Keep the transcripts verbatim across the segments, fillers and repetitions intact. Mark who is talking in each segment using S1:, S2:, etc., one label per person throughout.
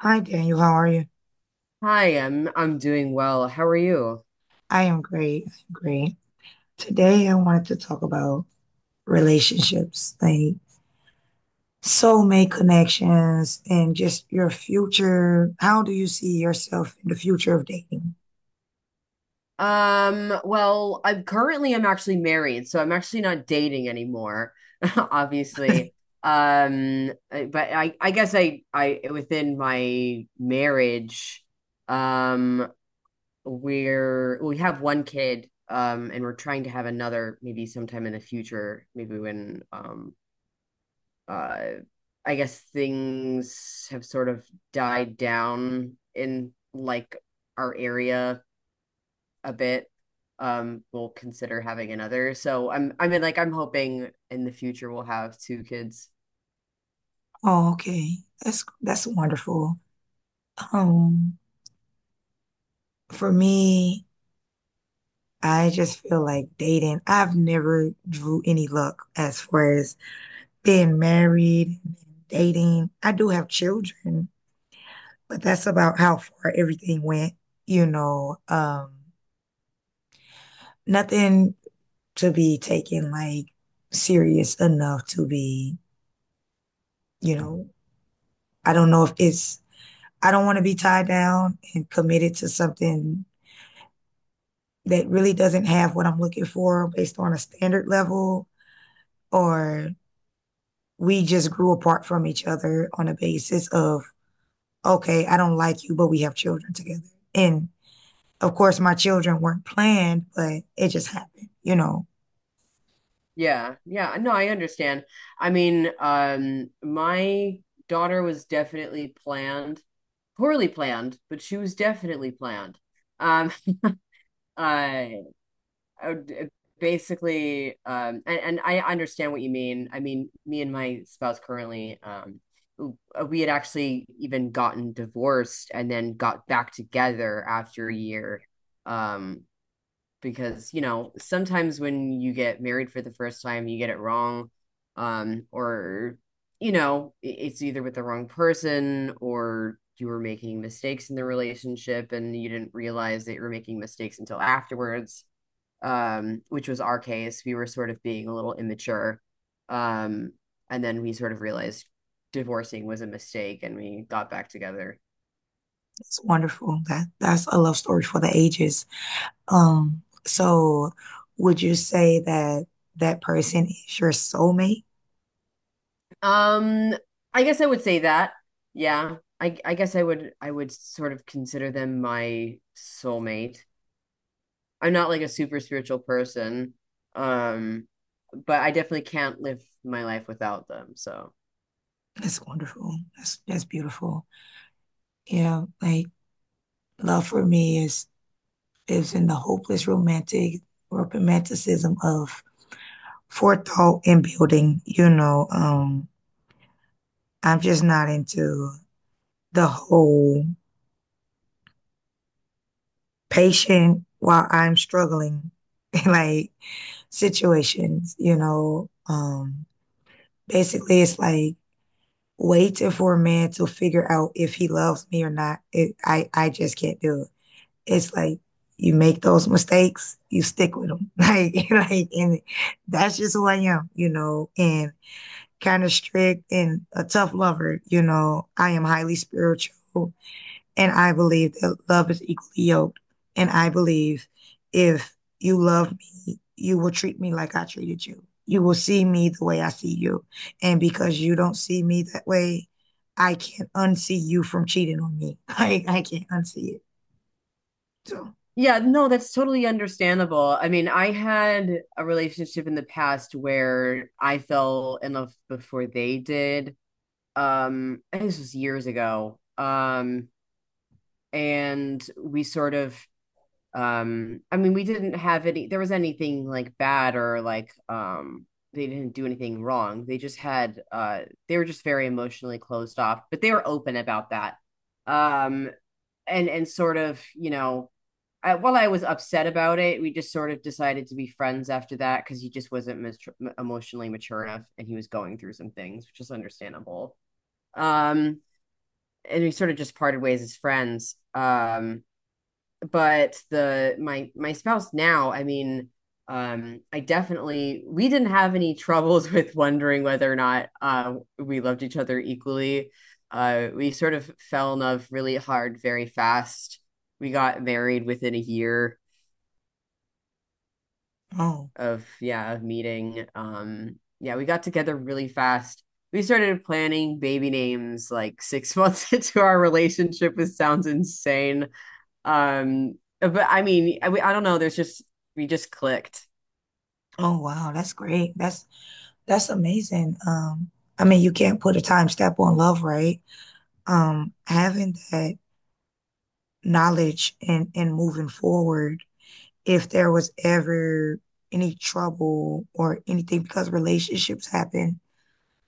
S1: Hi, Daniel. How are you?
S2: Hi, I'm I'm doing well. How are you?
S1: I am great. I'm great. Today, I wanted to talk about relationships, like soulmate connections, and just your future. How do you see yourself in the future of dating?
S2: Um, well, I'm currently I'm actually married, so I'm actually not dating anymore, obviously. Um, I- but I I guess I I within my marriage, um, we're we have one kid, um, and we're trying to have another maybe sometime in the future, maybe when um uh I guess things have sort of died down in like our area a bit. Um, we'll consider having another. So I'm, I mean, like I'm hoping in the future we'll have two kids.
S1: Oh, okay. That's that's wonderful. Um, for me, I just feel like dating. I've never drew any luck as far as being married, dating. I do have children, but that's about how far everything went. You know, um, Nothing to be taken like serious enough to be, you know, I don't know if it's, I don't want to be tied down and committed to something that really doesn't have what I'm looking for based on a standard level, or we just grew apart from each other on a basis of, okay, I don't like you, but we have children together. And of course, my children weren't planned, but it just happened, you know.
S2: Yeah, yeah. No, I understand. I mean, um, my daughter was definitely planned, poorly planned, but she was definitely planned. Um, uh, uh, basically um and, and I understand what you mean. I mean, me and my spouse currently um we had actually even gotten divorced and then got back together after a year. Um, because, you know, sometimes when you get married for the first time, you get it wrong, um, or, you know, it's either with the wrong person or you were making mistakes in the relationship and you didn't realize that you were making mistakes until afterwards, um, which was our case. We were sort of being a little immature. Um, and then we sort of realized divorcing was a mistake and we got back together.
S1: It's wonderful. That that's a love story for the ages. Um, so would you say that that person is your soulmate?
S2: Um, I guess I would say that. Yeah. I I guess I would, I would sort of consider them my soulmate. I'm not like a super spiritual person. Um, but I definitely can't live my life without them. So
S1: That's wonderful. That's that's beautiful. Yeah, like love for me is is in the hopeless romantic romanticism of forethought and building. You know, um, I'm just not into the whole patient while I'm struggling like situations. You know, um, Basically, it's like waiting for a man to figure out if he loves me or not. It, I I just can't do it. It's like you make those mistakes, you stick with them. Like like, and that's just who I am, you know. And kind of strict and a tough lover, you know. I am highly spiritual. And I believe that love is equally yoked. And I believe if you love me, you will treat me like I treated you. You will see me the way I see you. And because you don't see me that way, I can't unsee you from cheating on me. I, I can't unsee it. So,
S2: yeah, no, that's totally understandable. I mean, I had a relationship in the past where I fell in love before they did. Um, I think this was years ago. Um, and we sort of um, I mean, we didn't have any, there was anything like bad or like, um, they didn't do anything wrong. They just had, uh, they were just very emotionally closed off, but they were open about that. Um, and, and sort of, you know, I, while I was upset about it, we just sort of decided to be friends after that because he just wasn't mature, emotionally mature enough, and he was going through some things, which is understandable. Um, and we sort of just parted ways as friends. Um, but the my my spouse now, I mean, um, I definitely we didn't have any troubles with wondering whether or not, uh, we loved each other equally. Uh, we sort of fell in love really hard, very fast. We got married within a year
S1: oh,
S2: of yeah of meeting. Um, yeah, we got together really fast. We started planning baby names like six months into our relationship, which sounds insane. Um, but I mean, I, I don't know. There's just we just clicked.
S1: oh wow, that's great. That's that's amazing. Um, I mean, you can't put a time step on love, right? Um, having that knowledge and and moving forward if there was ever any trouble or anything because relationships happen,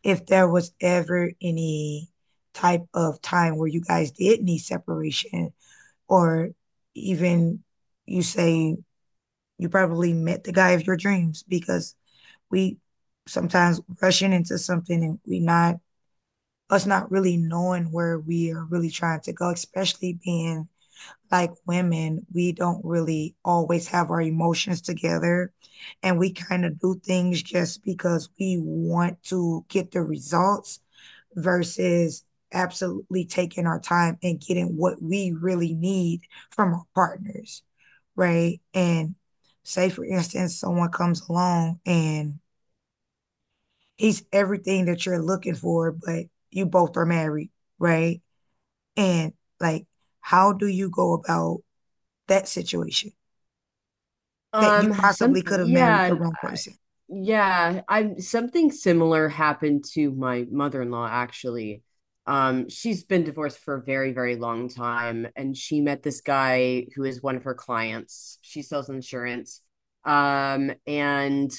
S1: if there was ever any type of time where you guys did need separation or even you say you probably met the guy of your dreams because we sometimes rushing into something and we not us not really knowing where we are really trying to go, especially being like women, we don't really always have our emotions together. And we kind of do things just because we want to get the results versus absolutely taking our time and getting what we really need from our partners, right? And say, for instance, someone comes along and he's everything that you're looking for, but you both are married, right? And like, how do you go about that situation? That you
S2: Um, some
S1: possibly could have married the
S2: yeah,
S1: wrong person.
S2: yeah. I something similar happened to my mother-in-law actually. Um, she's been divorced for a very, very long time, and she met this guy who is one of her clients. She sells insurance. Um, and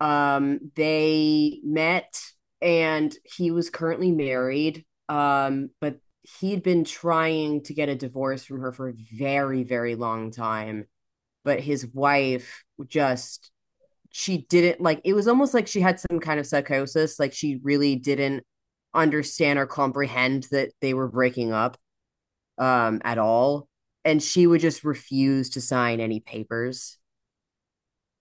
S2: Um, they met and he was currently married, um, but he'd been trying to get a divorce from her for a very, very long time. But his wife just, she didn't, like, it was almost like she had some kind of psychosis. Like she really didn't understand or comprehend that they were breaking up, um, at all. And she would just refuse to sign any papers.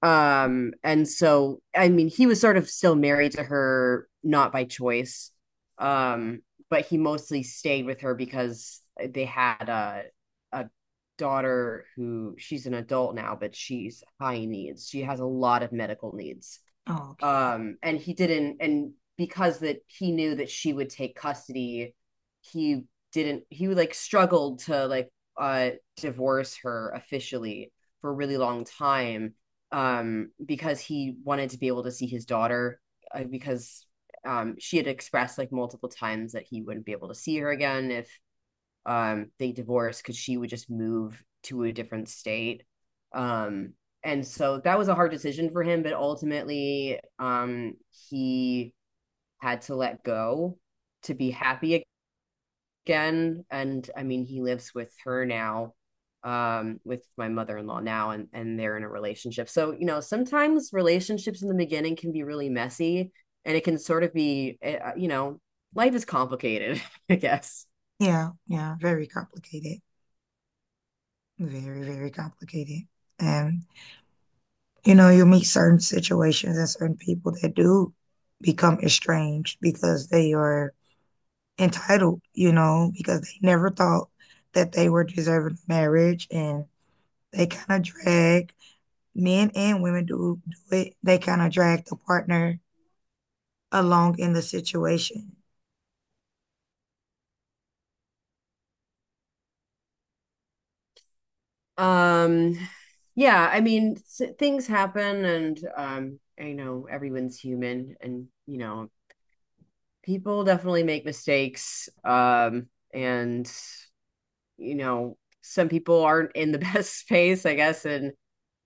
S2: Um, and so I mean, he was sort of still married to her, not by choice. Um, but he mostly stayed with her because they had a a daughter who, she's an adult now, but she's high needs. She has a lot of medical needs,
S1: Oh, okay.
S2: um, and he didn't and because that he knew that she would take custody, he didn't, he like struggled to like, uh divorce her officially for a really long time, um, because he wanted to be able to see his daughter, uh, because, um, she had expressed like multiple times that he wouldn't be able to see her again if, um, they divorced because she would just move to a different state, um, and so that was a hard decision for him, but ultimately, um, he had to let go to be happy again. And I mean he lives with her now, um, with my mother-in-law now, and and they're in a relationship. So, you know, sometimes relationships in the beginning can be really messy, and it can sort of be eh, uh, you know, life is complicated, I guess.
S1: Yeah, yeah, very complicated. Very, very complicated. And you know, you meet certain situations and certain people that do become estranged because they are entitled, you know, because they never thought that they were deserving of marriage and they kind of drag men and women do do it. They kind of drag the partner along in the situation.
S2: um yeah, I mean, things happen, and, um, I know everyone's human, and, you know, people definitely make mistakes. Um, and, you know, some people aren't in the best space, I guess. And,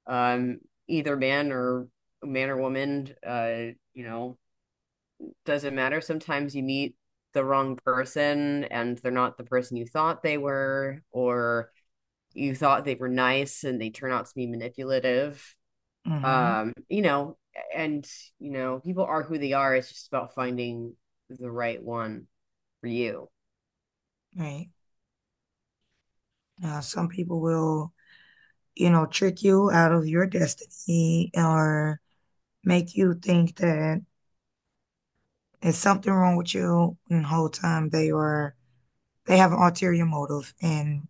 S2: um, either man or man or woman, uh you know, doesn't matter, sometimes you meet the wrong person and they're not the person you thought they were, or you thought they were nice and they turn out to be manipulative.
S1: Mm-hmm.
S2: Um, you know, and, you know, people are who they are. It's just about finding the right one for you.
S1: Right. Now, some people will, you know, trick you out of your destiny or make you think that there's something wrong with you, and the whole time they are they have an ulterior motive, and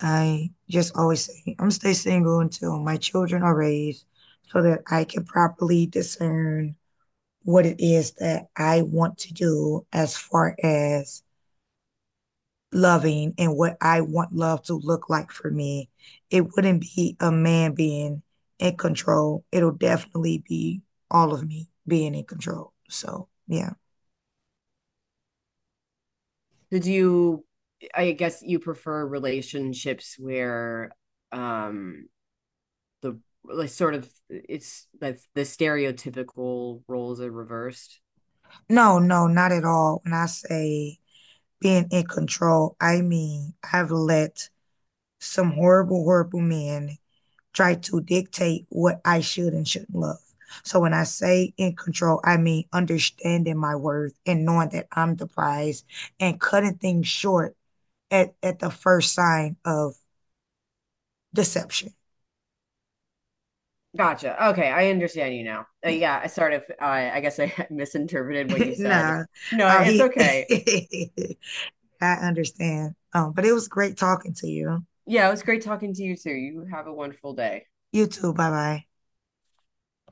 S1: I just always say, I'm gonna stay single until my children are raised so that I can properly discern what it is that I want to do as far as loving and what I want love to look like for me. It wouldn't be a man being in control. It'll definitely be all of me being in control. So, yeah.
S2: Did you, I guess you prefer relationships where, um, the like sort of it's like the stereotypical roles are reversed.
S1: No, no, not at all. When I say being in control, I mean I've let some horrible, horrible men try to dictate what I should and shouldn't love. So when I say in control, I mean understanding my worth and knowing that I'm the prize and cutting things short at, at the first sign of deception.
S2: Gotcha. Okay, I understand you now. Uh,
S1: Yeah.
S2: yeah, I sort of, uh, I guess I misinterpreted what you said.
S1: Nah.
S2: No,
S1: Oh,
S2: it's
S1: he
S2: okay.
S1: I understand. Um, but it was great talking to you.
S2: Yeah, it was great talking to you too. You have a wonderful day.
S1: You too. Bye bye.